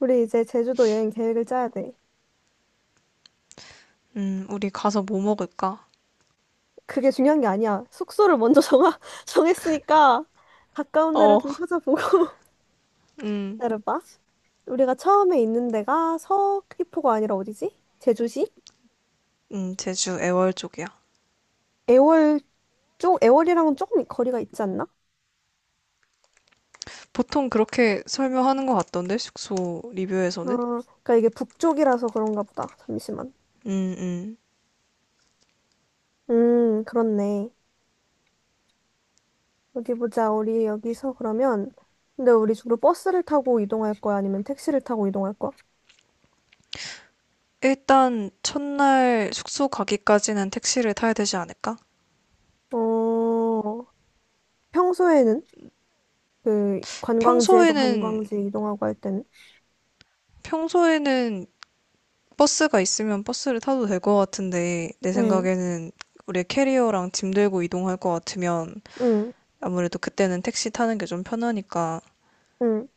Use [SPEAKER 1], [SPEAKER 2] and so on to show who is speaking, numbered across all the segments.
[SPEAKER 1] 우리 이제 제주도 여행 계획을 짜야 돼.
[SPEAKER 2] 우리 가서 뭐 먹을까?
[SPEAKER 1] 그게 중요한 게 아니야. 숙소를 먼저 정했으니까 가까운 데를
[SPEAKER 2] 어,
[SPEAKER 1] 좀 찾아보고
[SPEAKER 2] 음,
[SPEAKER 1] 기다려봐. 우리가 처음에 있는 데가 서귀포가 아니라 어디지? 제주시?
[SPEAKER 2] 제주 애월 쪽이야.
[SPEAKER 1] 애월 쪽, 애월이랑은 조금 거리가 있지 않나? 어,
[SPEAKER 2] 보통 그렇게 설명하는 것 같던데, 숙소 리뷰에서는?
[SPEAKER 1] 그러니까 이게 북쪽이라서 그런가 보다. 잠시만.
[SPEAKER 2] 음, 음.
[SPEAKER 1] 그렇네. 어디 보자. 우리 여기서 그러면 근데 우리 주로 버스를 타고 이동할 거야? 아니면 택시를 타고 이동할 거야?
[SPEAKER 2] 일단, 첫날 숙소 가기까지는 택시를 타야 되지 않을까?
[SPEAKER 1] 어, 평소에는? 그 관광지에서
[SPEAKER 2] 평소에는,
[SPEAKER 1] 관광지 이동하고 할 때는
[SPEAKER 2] 평소에는 버스가 있으면 버스를 타도 될 것 같은데, 내
[SPEAKER 1] 응,
[SPEAKER 2] 생각에는 우리 캐리어랑 짐 들고 이동할 것 같으면,
[SPEAKER 1] 응,
[SPEAKER 2] 아무래도 그때는 택시 타는 게 좀 편하니까,
[SPEAKER 1] 응.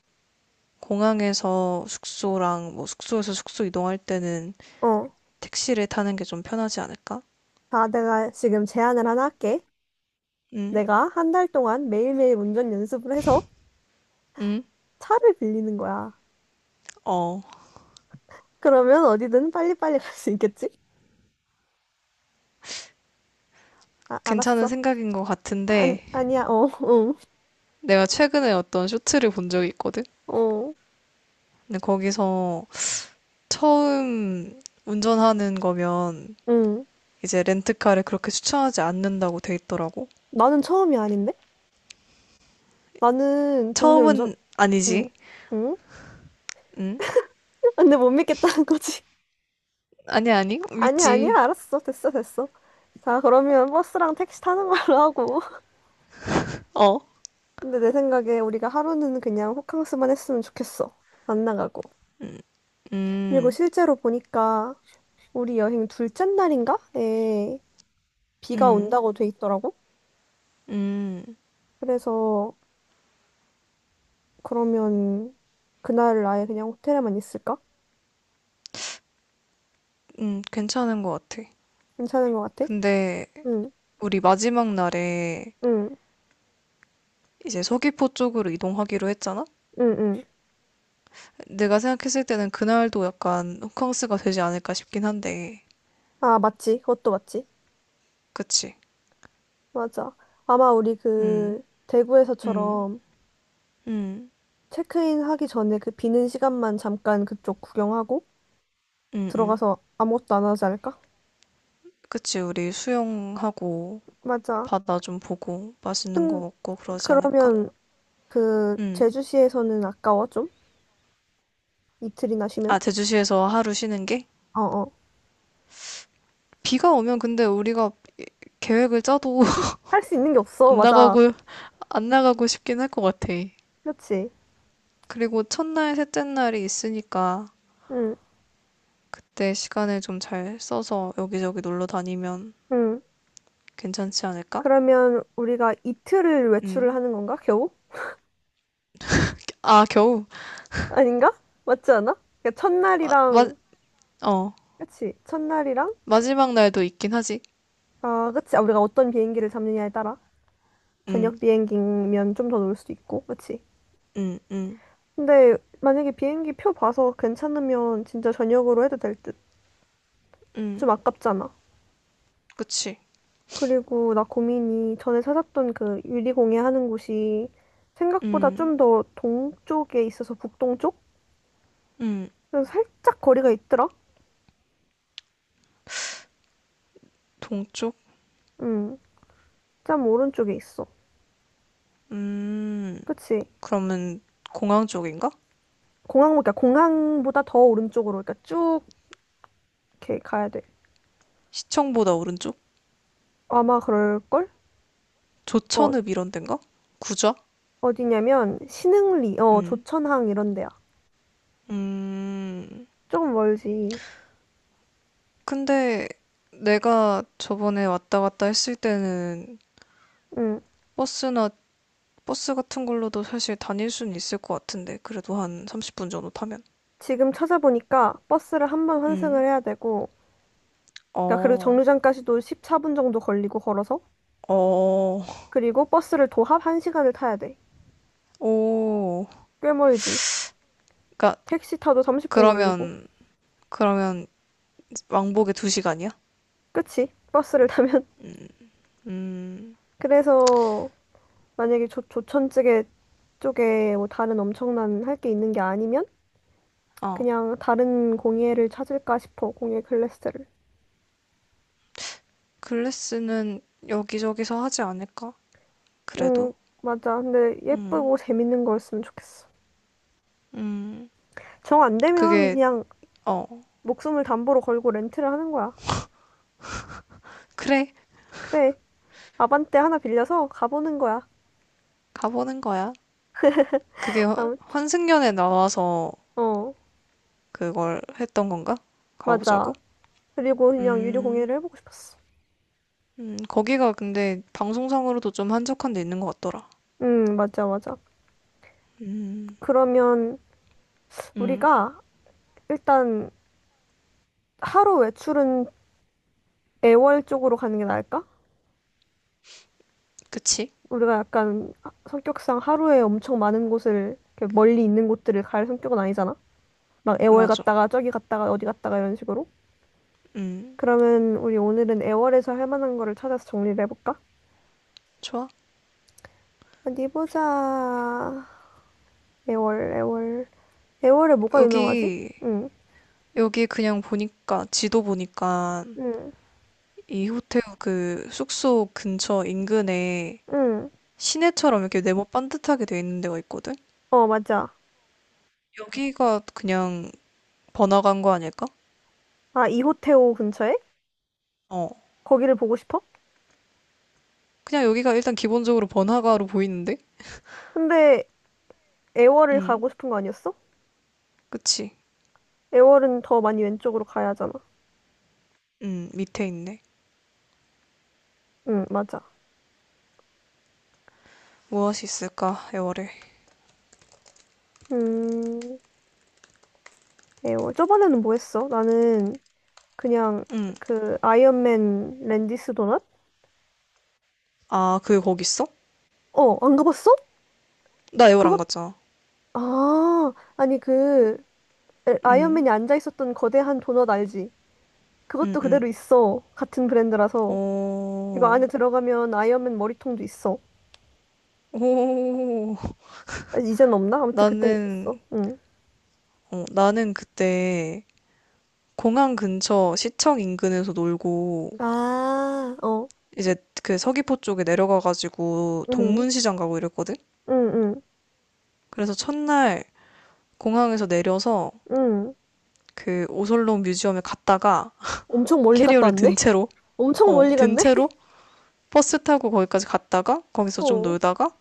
[SPEAKER 2] 공항에서 숙소랑 뭐 숙소에서 숙소 이동할 때는
[SPEAKER 1] 어.
[SPEAKER 2] 택시를 타는 게 좀 편하지 않을까?
[SPEAKER 1] 자, 내가 지금 제안을 하나 할게.
[SPEAKER 2] 응?
[SPEAKER 1] 내가 한 달 동안 매일매일 운전 연습을 해서
[SPEAKER 2] 응?
[SPEAKER 1] 차를 빌리는 거야.
[SPEAKER 2] 어,
[SPEAKER 1] 그러면 어디든 빨리빨리 갈 수 있겠지? 아,
[SPEAKER 2] 괜찮은
[SPEAKER 1] 알았어.
[SPEAKER 2] 생각인 것
[SPEAKER 1] 아니,
[SPEAKER 2] 같은데
[SPEAKER 1] 아니야. 어, 응,
[SPEAKER 2] 내가 최근에 어떤 쇼츠를 본 적이 있거든?
[SPEAKER 1] 어,
[SPEAKER 2] 근데 거기서 처음 운전하는 거면
[SPEAKER 1] 응.
[SPEAKER 2] 이제 렌트카를 그렇게 추천하지 않는다고 돼 있더라고.
[SPEAKER 1] 나는 처음이 아닌데? 나는 동네 운전,
[SPEAKER 2] 처음은
[SPEAKER 1] 응,
[SPEAKER 2] 아니지.
[SPEAKER 1] 응?
[SPEAKER 2] 응?
[SPEAKER 1] 근데 못 믿겠다는 거지.
[SPEAKER 2] 아니, 아니.
[SPEAKER 1] 아니야, 아니야.
[SPEAKER 2] 믿지.
[SPEAKER 1] 알았어. 됐어, 됐어. 자, 그러면 버스랑 택시 타는 걸로 하고.
[SPEAKER 2] 어.
[SPEAKER 1] 근데 내 생각에 우리가 하루는 그냥 호캉스만 했으면 좋겠어. 안 나가고. 그리고
[SPEAKER 2] 음,
[SPEAKER 1] 실제로 보니까 우리 여행 둘째 날인가에 비가
[SPEAKER 2] 음,
[SPEAKER 1] 온다고 돼 있더라고.
[SPEAKER 2] 음,
[SPEAKER 1] 그래서 그러면 그날 아예 그냥 호텔에만 있을까?
[SPEAKER 2] 괜찮은 것 같아.
[SPEAKER 1] 괜찮은 것 같아?
[SPEAKER 2] 근데
[SPEAKER 1] 응,
[SPEAKER 2] 우리 마지막 날에
[SPEAKER 1] 응,
[SPEAKER 2] 이제 서귀포 쪽으로 이동하기로 했잖아?
[SPEAKER 1] 응, 응.
[SPEAKER 2] 내가 생각했을 때는 그날도 약간 호캉스가 되지 않을까 싶긴 한데,
[SPEAKER 1] 아, 맞지. 그것도 맞지.
[SPEAKER 2] 그치?
[SPEAKER 1] 맞아. 아마 우리 그
[SPEAKER 2] 음, 음,
[SPEAKER 1] 대구에서처럼
[SPEAKER 2] 음,
[SPEAKER 1] 체크인 하기 전에 그 비는 시간만 잠깐 그쪽 구경하고
[SPEAKER 2] 음, 음.
[SPEAKER 1] 들어가서 아무것도 안 하지 않을까?
[SPEAKER 2] 그치, 우리 수영하고
[SPEAKER 1] 맞아.
[SPEAKER 2] 바다 좀 보고 맛있는 거
[SPEAKER 1] 근
[SPEAKER 2] 먹고 그러지 않을까?
[SPEAKER 1] 그러면 그
[SPEAKER 2] 음.
[SPEAKER 1] 제주시에서는 아까워 좀? 이틀이나 쉬면?
[SPEAKER 2] 아, 제주시에서 하루 쉬는 게?
[SPEAKER 1] 어어.
[SPEAKER 2] 비가 오면 근데 우리가 계획을 짜도
[SPEAKER 1] 할 수 있는 게 없어.
[SPEAKER 2] 안
[SPEAKER 1] 맞아.
[SPEAKER 2] 나가고, 안 나가고 싶긴 할 것 같아.
[SPEAKER 1] 그렇지.
[SPEAKER 2] 그리고 첫날, 셋째 날이 있으니까
[SPEAKER 1] 응.
[SPEAKER 2] 내 시간을 좀 잘 써서 여기저기 놀러 다니면
[SPEAKER 1] 응.
[SPEAKER 2] 괜찮지 않을까?
[SPEAKER 1] 그러면 우리가 이틀을 외출을
[SPEAKER 2] 음.
[SPEAKER 1] 하는 건가? 겨우?
[SPEAKER 2] 아, 겨우.
[SPEAKER 1] 아닌가? 맞지 않아? 그러니까
[SPEAKER 2] 아, 마,
[SPEAKER 1] 첫날이랑
[SPEAKER 2] 어.
[SPEAKER 1] 그치? 첫날이랑
[SPEAKER 2] 마지막 날도 있긴 하지.
[SPEAKER 1] 아, 그치? 아, 우리가 어떤 비행기를 잡느냐에 따라
[SPEAKER 2] 음,
[SPEAKER 1] 저녁 비행기면 좀 더 놀 수도 있고. 그치?
[SPEAKER 2] 음, 음,
[SPEAKER 1] 근데 만약에 비행기 표 봐서 괜찮으면 진짜 저녁으로 해도 될 듯. 좀
[SPEAKER 2] 음.
[SPEAKER 1] 아깝잖아.
[SPEAKER 2] 그치.
[SPEAKER 1] 그리고 나 고민이 전에 찾았던 그 유리공예 하는 곳이 생각보다
[SPEAKER 2] 음,
[SPEAKER 1] 좀 더 동쪽에 있어서 북동쪽?
[SPEAKER 2] 음.
[SPEAKER 1] 그래서 살짝 거리가 있더라?
[SPEAKER 2] 동쪽?
[SPEAKER 1] 응, 짬 오른쪽에 있어.
[SPEAKER 2] 음.
[SPEAKER 1] 그치?
[SPEAKER 2] 그러면 공항 쪽인가?
[SPEAKER 1] 공항, 그러니까 공항보다 더 오른쪽으로, 그러니까 쭉 이렇게 가야 돼.
[SPEAKER 2] 시청보다 오른쪽?
[SPEAKER 1] 아마 그럴걸? 어,
[SPEAKER 2] 조천읍 이런 데인가? 구좌?
[SPEAKER 1] 어디냐면 신흥리, 어,
[SPEAKER 2] 음,
[SPEAKER 1] 조천항 이런 데야.
[SPEAKER 2] 음.
[SPEAKER 1] 조금 멀지.
[SPEAKER 2] 근데 내가 저번에 왔다 갔다 했을 때는
[SPEAKER 1] 응.
[SPEAKER 2] 버스나 버스 같은 걸로도 사실 다닐 수는 있을 것 같은데, 그래도 한 30분 정도 타면.
[SPEAKER 1] 지금 찾아보니까 버스를 한번 환승을
[SPEAKER 2] 음.
[SPEAKER 1] 해야 되고, 그러니까 그리고
[SPEAKER 2] 어,
[SPEAKER 1] 정류장까지도 14분 정도 걸리고 걸어서.
[SPEAKER 2] 어,
[SPEAKER 1] 그리고 버스를 도합 1시간을 타야 돼.
[SPEAKER 2] 오.
[SPEAKER 1] 꽤 멀지.
[SPEAKER 2] 그러니까,
[SPEAKER 1] 택시 타도 30분 걸리고.
[SPEAKER 2] 그러면, 그러면 왕복에 두 시간이야.
[SPEAKER 1] 그치? 버스를 타면.
[SPEAKER 2] 음,
[SPEAKER 1] 그래서 만약에 조천 쪽에 뭐 다른 엄청난 할 게 있는 게 아니면
[SPEAKER 2] 어.
[SPEAKER 1] 그냥 다른 공예를 찾을까 싶어. 공예 클래스를.
[SPEAKER 2] 글래스는 여기저기서 하지 않을까? 그래도.
[SPEAKER 1] 음, 맞아. 근데
[SPEAKER 2] 음,
[SPEAKER 1] 예쁘고 재밌는 거였으면 좋겠어.
[SPEAKER 2] 음.
[SPEAKER 1] 정 안 되면
[SPEAKER 2] 그게,
[SPEAKER 1] 그냥
[SPEAKER 2] 어.
[SPEAKER 1] 목숨을 담보로 걸고 렌트를 하는 거야.
[SPEAKER 2] 그래,
[SPEAKER 1] 그래. 아반떼 하나 빌려서 가보는 거야.
[SPEAKER 2] 가보는 거야. 그게
[SPEAKER 1] 아무,
[SPEAKER 2] 환승연에 나와서
[SPEAKER 1] 어,
[SPEAKER 2] 그걸 했던 건가? 가보자고?
[SPEAKER 1] 맞아. 그리고 그냥 유료
[SPEAKER 2] 음.
[SPEAKER 1] 공예를 해보고 싶었어.
[SPEAKER 2] 거기가 근데 방송상으로도 좀 한적한 데 있는 것 같더라.
[SPEAKER 1] 맞아, 맞아.
[SPEAKER 2] 음,
[SPEAKER 1] 그러면
[SPEAKER 2] 음,
[SPEAKER 1] 우리가 일단 하루 외출은 애월 쪽으로 가는 게 나을까?
[SPEAKER 2] 그치?
[SPEAKER 1] 우리가 약간 성격상 하루에 엄청 많은 곳을 이렇게 멀리 있는 곳들을 갈 성격은 아니잖아. 막 애월
[SPEAKER 2] 맞아.
[SPEAKER 1] 갔다가 저기 갔다가 어디 갔다가 이런 식으로.
[SPEAKER 2] 음,
[SPEAKER 1] 그러면 우리 오늘은 애월에서 할 만한 거를 찾아서 정리를 해볼까?
[SPEAKER 2] 좋아.
[SPEAKER 1] 어디 보자. 애월, 애월. 애월에 뭐가 유명하지?
[SPEAKER 2] 여기,
[SPEAKER 1] 응,
[SPEAKER 2] 여기 그냥 보니까, 지도 보니까,
[SPEAKER 1] 응,
[SPEAKER 2] 이 호텔 그 숙소 근처 인근에
[SPEAKER 1] 응.
[SPEAKER 2] 시내처럼 이렇게 네모 반듯하게 돼 있는 데가 있거든?
[SPEAKER 1] 어, 맞아.
[SPEAKER 2] 여기가 그냥 번화가인 거 아닐까?
[SPEAKER 1] 아, 이호태오 근처에?
[SPEAKER 2] 어.
[SPEAKER 1] 거기를 보고 싶어?
[SPEAKER 2] 그냥 여기가 일단 기본적으로 번화가로 보이는데?
[SPEAKER 1] 근데 애월을
[SPEAKER 2] 음,
[SPEAKER 1] 가고 싶은 거 아니었어?
[SPEAKER 2] 그치?
[SPEAKER 1] 애월은 더 많이 왼쪽으로 가야 하잖아.
[SPEAKER 2] 밑에 있네.
[SPEAKER 1] 응, 맞아.
[SPEAKER 2] 무엇이 있을까, 애월에.
[SPEAKER 1] 음, 애월. 저번에는 뭐 했어? 나는 그냥
[SPEAKER 2] 음.
[SPEAKER 1] 그 아이언맨 랜디스 도넛?
[SPEAKER 2] 아, 그게 거기 있어?
[SPEAKER 1] 어, 안 가봤어?
[SPEAKER 2] 나 에어안
[SPEAKER 1] 그거,
[SPEAKER 2] 갔잖아.
[SPEAKER 1] 아, 아니 그
[SPEAKER 2] 응,
[SPEAKER 1] 아이언맨이 앉아 있었던 거대한 도넛 알지?
[SPEAKER 2] 응,
[SPEAKER 1] 그것도 그대로
[SPEAKER 2] 응.
[SPEAKER 1] 있어. 같은 브랜드라서. 이거
[SPEAKER 2] 오,
[SPEAKER 1] 안에 들어가면 아이언맨 머리통도 있어.
[SPEAKER 2] 오.
[SPEAKER 1] 아, 이젠 없나? 아무튼 그땐
[SPEAKER 2] 나는,
[SPEAKER 1] 있었어. 응.
[SPEAKER 2] 어, 나는 그때 공항 근처 시청 인근에서 놀고,
[SPEAKER 1] 아, 어.
[SPEAKER 2] 이제 그 서귀포 쪽에 내려가가지고
[SPEAKER 1] 응.
[SPEAKER 2] 동문시장 가고 이랬거든?
[SPEAKER 1] 응, 응,
[SPEAKER 2] 그래서 첫날 공항에서 내려서
[SPEAKER 1] 응.
[SPEAKER 2] 그 오설록 뮤지엄에 갔다가
[SPEAKER 1] 엄청 멀리 갔다
[SPEAKER 2] 캐리어를 든
[SPEAKER 1] 왔네?
[SPEAKER 2] 채로,
[SPEAKER 1] 엄청
[SPEAKER 2] 어,
[SPEAKER 1] 멀리
[SPEAKER 2] 든
[SPEAKER 1] 갔네?
[SPEAKER 2] 채로 버스 타고 거기까지 갔다가 거기서 좀
[SPEAKER 1] 어,
[SPEAKER 2] 놀다가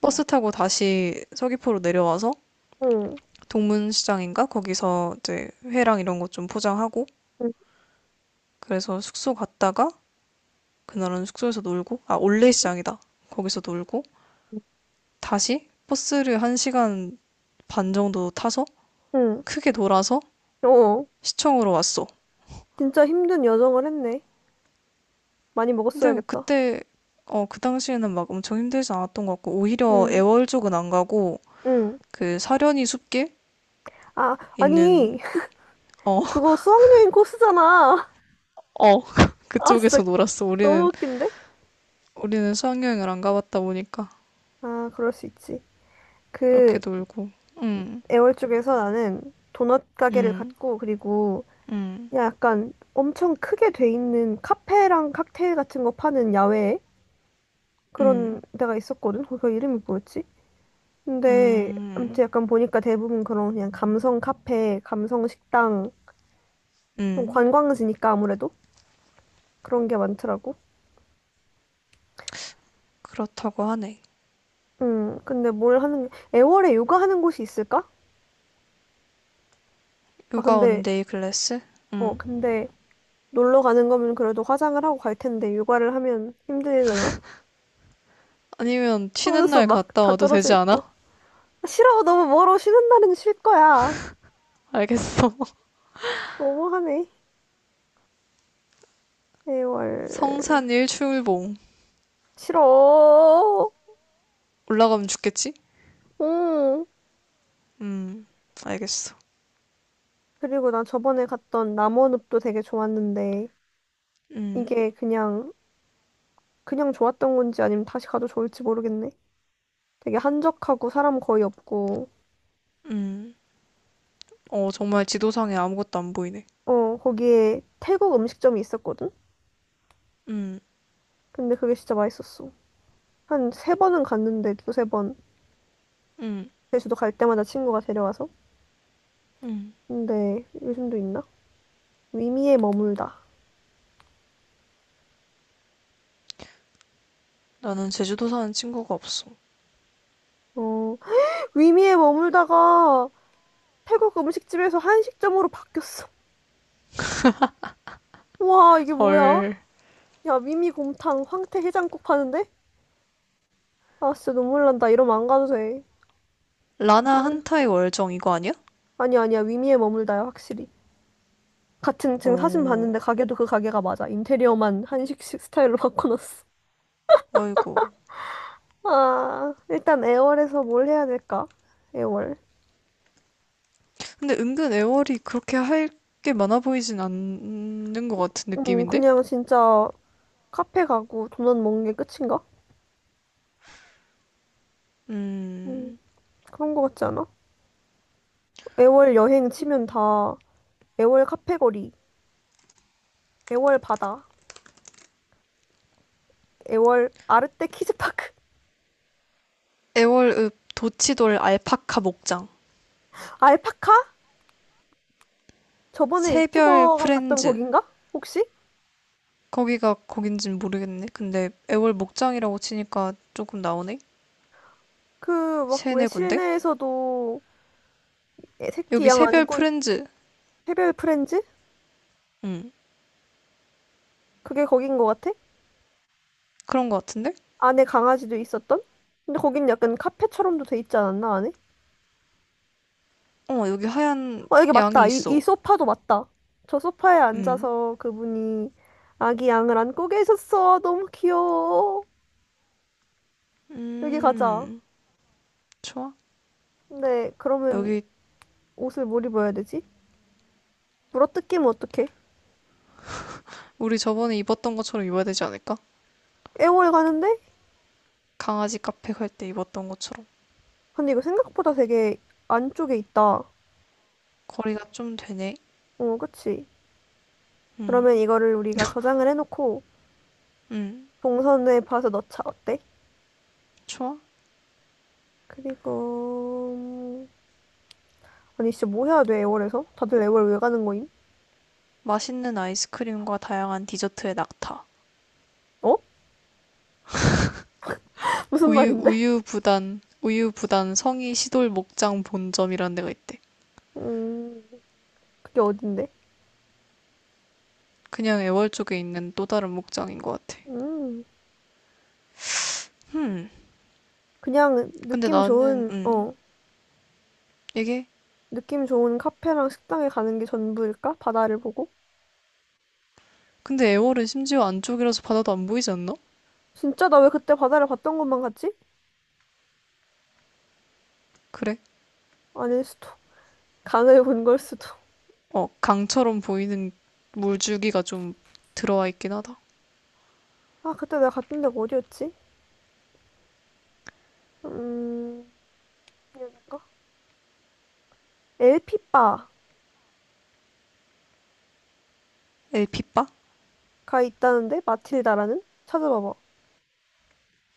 [SPEAKER 2] 버스 타고 다시 서귀포로 내려와서
[SPEAKER 1] 응,
[SPEAKER 2] 동문시장인가? 거기서 이제 회랑 이런 것 좀 포장하고
[SPEAKER 1] 응,
[SPEAKER 2] 그래서 숙소 갔다가 그날은 숙소에서 놀고 아 올레시장이다. 거기서 놀고
[SPEAKER 1] 응.
[SPEAKER 2] 다시 버스를 1시간 반 정도 타서
[SPEAKER 1] 응.
[SPEAKER 2] 크게 돌아서
[SPEAKER 1] 어,
[SPEAKER 2] 시청으로 왔어.
[SPEAKER 1] 진짜 힘든 여정을 했네. 많이
[SPEAKER 2] 근데 뭐
[SPEAKER 1] 먹었어야겠다.
[SPEAKER 2] 그때 어 그 당시에는 막 엄청 힘들지 않았던 것 같고 오히려
[SPEAKER 1] 응,
[SPEAKER 2] 애월 쪽은 안 가고
[SPEAKER 1] 응.
[SPEAKER 2] 그 사려니 숲길
[SPEAKER 1] 아,
[SPEAKER 2] 있는
[SPEAKER 1] 아니,
[SPEAKER 2] 어
[SPEAKER 1] 그거 수학여행 코스잖아.
[SPEAKER 2] 어,
[SPEAKER 1] 아, 진짜
[SPEAKER 2] 그쪽에서 놀았어.
[SPEAKER 1] 너무
[SPEAKER 2] 우리는
[SPEAKER 1] 웃긴데?
[SPEAKER 2] 우리는 수학여행을 안 가봤다 보니까
[SPEAKER 1] 아, 그럴 수 있지.
[SPEAKER 2] 그렇게
[SPEAKER 1] 그,
[SPEAKER 2] 놀고 음.
[SPEAKER 1] 애월 쪽에서 나는 도넛 가게를
[SPEAKER 2] 음,
[SPEAKER 1] 갔고, 그리고
[SPEAKER 2] 음,
[SPEAKER 1] 그냥 약간 엄청 크게 돼 있는 카페랑 칵테일 같은 거 파는 야외 그런
[SPEAKER 2] 음,
[SPEAKER 1] 데가 있었거든. 거기 이름이 뭐였지?
[SPEAKER 2] 음, 음.
[SPEAKER 1] 근데
[SPEAKER 2] 음,
[SPEAKER 1] 아무튼 약간 보니까 대부분 그런 그냥 감성 카페, 감성 식당,
[SPEAKER 2] 음, 음, 음, 음, 음, 음, 음, 음, 음, 음, 음,
[SPEAKER 1] 좀
[SPEAKER 2] 음, 음,
[SPEAKER 1] 관광지니까 아무래도 그런 게 많더라고.
[SPEAKER 2] 그렇다고 하네.
[SPEAKER 1] 근데 뭘 하는 게 애월에 요가 하는 곳이 있을까? 아,
[SPEAKER 2] 요가
[SPEAKER 1] 근데
[SPEAKER 2] 원데이 클래스?
[SPEAKER 1] 어,
[SPEAKER 2] 음.
[SPEAKER 1] 근데 놀러 가는 거면 그래도 화장을 하고 갈 텐데 요가를 하면 힘들려나?
[SPEAKER 2] 아니면 쉬는
[SPEAKER 1] 속눈썹
[SPEAKER 2] 날
[SPEAKER 1] 막
[SPEAKER 2] 갔다
[SPEAKER 1] 다
[SPEAKER 2] 와도
[SPEAKER 1] 떨어져
[SPEAKER 2] 되지
[SPEAKER 1] 있고.
[SPEAKER 2] 않아?
[SPEAKER 1] 아, 싫어, 너무 멀어. 쉬는 날은 쉴 거야.
[SPEAKER 2] 알겠어.
[SPEAKER 1] 너무하네. 애월
[SPEAKER 2] 성산 일출봉.
[SPEAKER 1] 싫어.
[SPEAKER 2] 올라가면 죽겠지?
[SPEAKER 1] 음.
[SPEAKER 2] 음, 알겠어.
[SPEAKER 1] 그리고 나 저번에 갔던 남원읍도 되게 좋았는데
[SPEAKER 2] 음,
[SPEAKER 1] 이게 그냥 그냥 좋았던 건지 아니면 다시 가도 좋을지 모르겠네. 되게 한적하고 사람 거의 없고
[SPEAKER 2] 음. 어, 정말 지도상에 아무것도 안 보이네.
[SPEAKER 1] 어 거기에 태국 음식점이 있었거든.
[SPEAKER 2] 음,
[SPEAKER 1] 근데 그게 진짜 맛있었어. 한 세 번은 갔는데 두세 번
[SPEAKER 2] 음,
[SPEAKER 1] 제주도 갈 때마다 친구가 데려와서.
[SPEAKER 2] 음.
[SPEAKER 1] 근데 요즘도 있나? 위미에 머물다.
[SPEAKER 2] 나는 제주도 사는 친구가 없어.
[SPEAKER 1] 어 위미에 머물다가 태국 음식집에서 한식점으로 바뀌었어. 와 이게 뭐야?
[SPEAKER 2] 헐.
[SPEAKER 1] 야 위미 곰탕, 황태 해장국 파는데? 아 진짜 눈물 난다. 이러면 안 가도 돼.
[SPEAKER 2] 라나 한타의 월정 이거 아니야?
[SPEAKER 1] 아니 아니야 위미에 머물다야 확실히 같은 지금 사진
[SPEAKER 2] 어,
[SPEAKER 1] 봤는데 가게도 그 가게가 맞아 인테리어만 한식식 스타일로 바꿔놨어
[SPEAKER 2] 아이고.
[SPEAKER 1] 아 일단 애월에서 뭘 해야 될까 애월
[SPEAKER 2] 근데 은근 애월이 그렇게 할 게 많아 보이진 않는 것 같은 느낌인데?
[SPEAKER 1] 그냥 진짜 카페 가고 도넛 먹는 게 끝인가 음
[SPEAKER 2] 음,
[SPEAKER 1] 그런 거 같지 않아 애월 여행 치면 다 애월 카페 거리 애월 바다 애월 아르떼 키즈파크
[SPEAKER 2] 애월읍 도치돌 알파카 목장.
[SPEAKER 1] 알파카 저번에
[SPEAKER 2] 새별
[SPEAKER 1] 유튜버가 갔던
[SPEAKER 2] 프렌즈.
[SPEAKER 1] 거긴가 혹시
[SPEAKER 2] 거기가 거긴진 모르겠네. 근데 애월 목장이라고 치니까 조금 나오네?
[SPEAKER 1] 그 막 왜
[SPEAKER 2] 세네 군데?
[SPEAKER 1] 실내에서도 애- 새끼
[SPEAKER 2] 여기
[SPEAKER 1] 양
[SPEAKER 2] 새별
[SPEAKER 1] 안고
[SPEAKER 2] 프렌즈.
[SPEAKER 1] 해별 프렌즈?
[SPEAKER 2] 음,
[SPEAKER 1] 그게 거긴 것 같아?
[SPEAKER 2] 그런 것 같은데?
[SPEAKER 1] 안에 강아지도 있었던? 근데 거긴 약간 카페처럼도 돼 있지 않았나, 안에?
[SPEAKER 2] 어, 여기 하얀
[SPEAKER 1] 어, 여기
[SPEAKER 2] 양이
[SPEAKER 1] 맞다. 이,
[SPEAKER 2] 있어.
[SPEAKER 1] 이 소파도 맞다. 저 소파에
[SPEAKER 2] 음,
[SPEAKER 1] 앉아서 그분이 아기 양을 안고 계셨어. 너무 귀여워. 여기 가자.
[SPEAKER 2] 음, 좋아.
[SPEAKER 1] 근데 그러면
[SPEAKER 2] 여기
[SPEAKER 1] 옷을 뭘 입어야 되지? 물어뜯기면 어떡해?
[SPEAKER 2] 우리 저번에 입었던 것처럼 입어야 되지 않을까?
[SPEAKER 1] 애월 가는데?
[SPEAKER 2] 강아지 카페 갈 때 입었던 것처럼.
[SPEAKER 1] 근데 이거 생각보다 되게 안쪽에 있다.
[SPEAKER 2] 거리가 좀 되네.
[SPEAKER 1] 어, 그치? 그러면
[SPEAKER 2] 음,
[SPEAKER 1] 이거를 우리가 저장을 해놓고
[SPEAKER 2] 음,
[SPEAKER 1] 동선에 봐서 넣자. 어때?
[SPEAKER 2] 좋아.
[SPEAKER 1] 그리고 아니 진짜 뭐 해야 돼 애월에서? 다들 애월 왜 가는 거임?
[SPEAKER 2] 맛있는 아이스크림과 다양한 디저트의 낙타.
[SPEAKER 1] 어? 무슨 말인데?
[SPEAKER 2] 우유부단 성이 시돌 목장 본점이라는 데가 있대.
[SPEAKER 1] 음 그게 어딘데?
[SPEAKER 2] 그냥 애월 쪽에 있는 또 다른 목장인 것 같아.
[SPEAKER 1] 음
[SPEAKER 2] 흠,
[SPEAKER 1] 그냥
[SPEAKER 2] 근데
[SPEAKER 1] 느낌
[SPEAKER 2] 나는,
[SPEAKER 1] 좋은 어
[SPEAKER 2] 이게?
[SPEAKER 1] 느낌 좋은 카페랑 식당에 가는 게 전부일까? 바다를 보고?
[SPEAKER 2] 근데 애월은 심지어 안쪽이라서 바다도 안 보이지 않나?
[SPEAKER 1] 진짜 나 왜 그때 바다를 봤던 것만 같지?
[SPEAKER 2] 그래.
[SPEAKER 1] 아닐 수도 강을 본 걸 수도
[SPEAKER 2] 어, 강처럼 보이는 물줄기가 좀 들어와 있긴 하다.
[SPEAKER 1] 아 그때 내가 갔던 데가 어디였지? 음 여기가? 엘피바가
[SPEAKER 2] 엘피빠?
[SPEAKER 1] 있다는데 마틸다라는? 찾아봐봐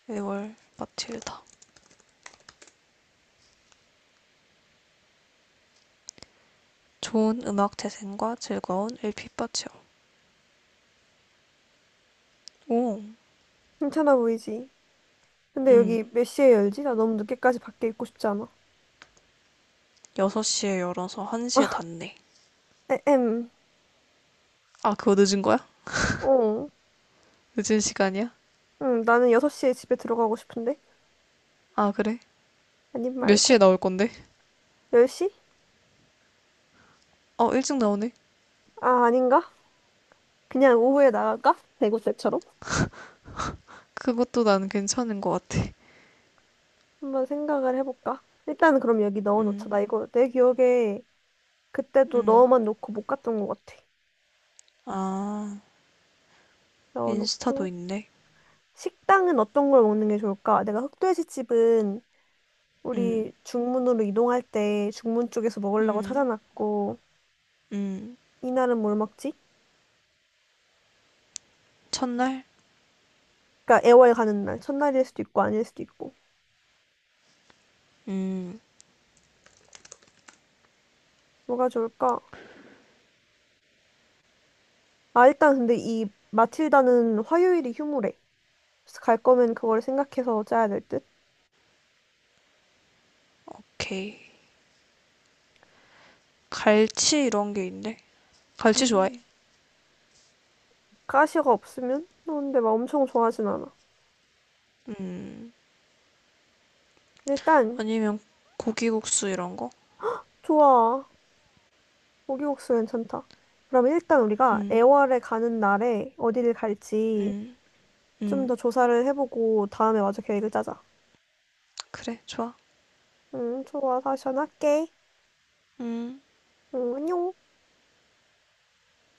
[SPEAKER 2] 애월 마틸다. 좋은 음악 재생과 즐거운 엘피 파티요. 오,
[SPEAKER 1] 괜찮아 보이지? 근데 여기
[SPEAKER 2] 음.
[SPEAKER 1] 몇 시에 열지? 나 너무 늦게까지 밖에 있고 싶지 않아.
[SPEAKER 2] 6시에 열어서 1시에 닫네.
[SPEAKER 1] 에엠.
[SPEAKER 2] 아, 그거 늦은 거야?
[SPEAKER 1] 어.
[SPEAKER 2] 늦은 시간이야?
[SPEAKER 1] 응, 나는 6시에 집에 들어가고 싶은데.
[SPEAKER 2] 아, 그래?
[SPEAKER 1] 아님
[SPEAKER 2] 몇 시에
[SPEAKER 1] 말고.
[SPEAKER 2] 나올 건데?
[SPEAKER 1] 10시?
[SPEAKER 2] 어, 일찍 나오네.
[SPEAKER 1] 아, 아닌가? 그냥 오후에 나갈까? 대구 때처럼?
[SPEAKER 2] 그것도 난 괜찮은 것 같아.
[SPEAKER 1] 한번 생각을 해볼까? 일단은 그럼 여기 넣어놓자.
[SPEAKER 2] 음,
[SPEAKER 1] 나 이거 내 기억에 그때도
[SPEAKER 2] 음.
[SPEAKER 1] 넣어만 놓고 못 갔던 것 같아.
[SPEAKER 2] 아, 인스타도
[SPEAKER 1] 넣어놓고.
[SPEAKER 2] 있네.
[SPEAKER 1] 식당은 어떤 걸 먹는 게 좋을까? 내가 흑돼지집은 우리
[SPEAKER 2] 음,
[SPEAKER 1] 중문으로 이동할 때 중문 쪽에서 먹으려고
[SPEAKER 2] 음,
[SPEAKER 1] 찾아놨고,
[SPEAKER 2] 음.
[SPEAKER 1] 이날은 뭘 먹지?
[SPEAKER 2] 첫날?
[SPEAKER 1] 그러니까 애월 가는 날, 첫날일 수도 있고 아닐 수도 있고.
[SPEAKER 2] 음,
[SPEAKER 1] 뭐가 좋을까? 아, 일단 근데 이 마틸다는 화요일이 휴무래. 그래서 갈 거면 그걸 생각해서 짜야 될 듯?
[SPEAKER 2] 오케이. 갈치 이런 게 있네. 갈치 좋아해?
[SPEAKER 1] 음. 가시가 없으면? 너 근데 막 엄청 좋아하진 않아. 일단,
[SPEAKER 2] 아니면 고기국수 이런 거?
[SPEAKER 1] 좋아. 고기국수 괜찮다. 그러면 일단 우리가
[SPEAKER 2] 음,
[SPEAKER 1] 애월에 가는 날에 어디를 갈지
[SPEAKER 2] 음,
[SPEAKER 1] 좀 더
[SPEAKER 2] 음.
[SPEAKER 1] 조사를 해보고 다음에 마저 계획을 짜자.
[SPEAKER 2] 그래, 좋아.
[SPEAKER 1] 응, 좋아. 다시 전화할게.
[SPEAKER 2] 음.
[SPEAKER 1] 응, 안녕.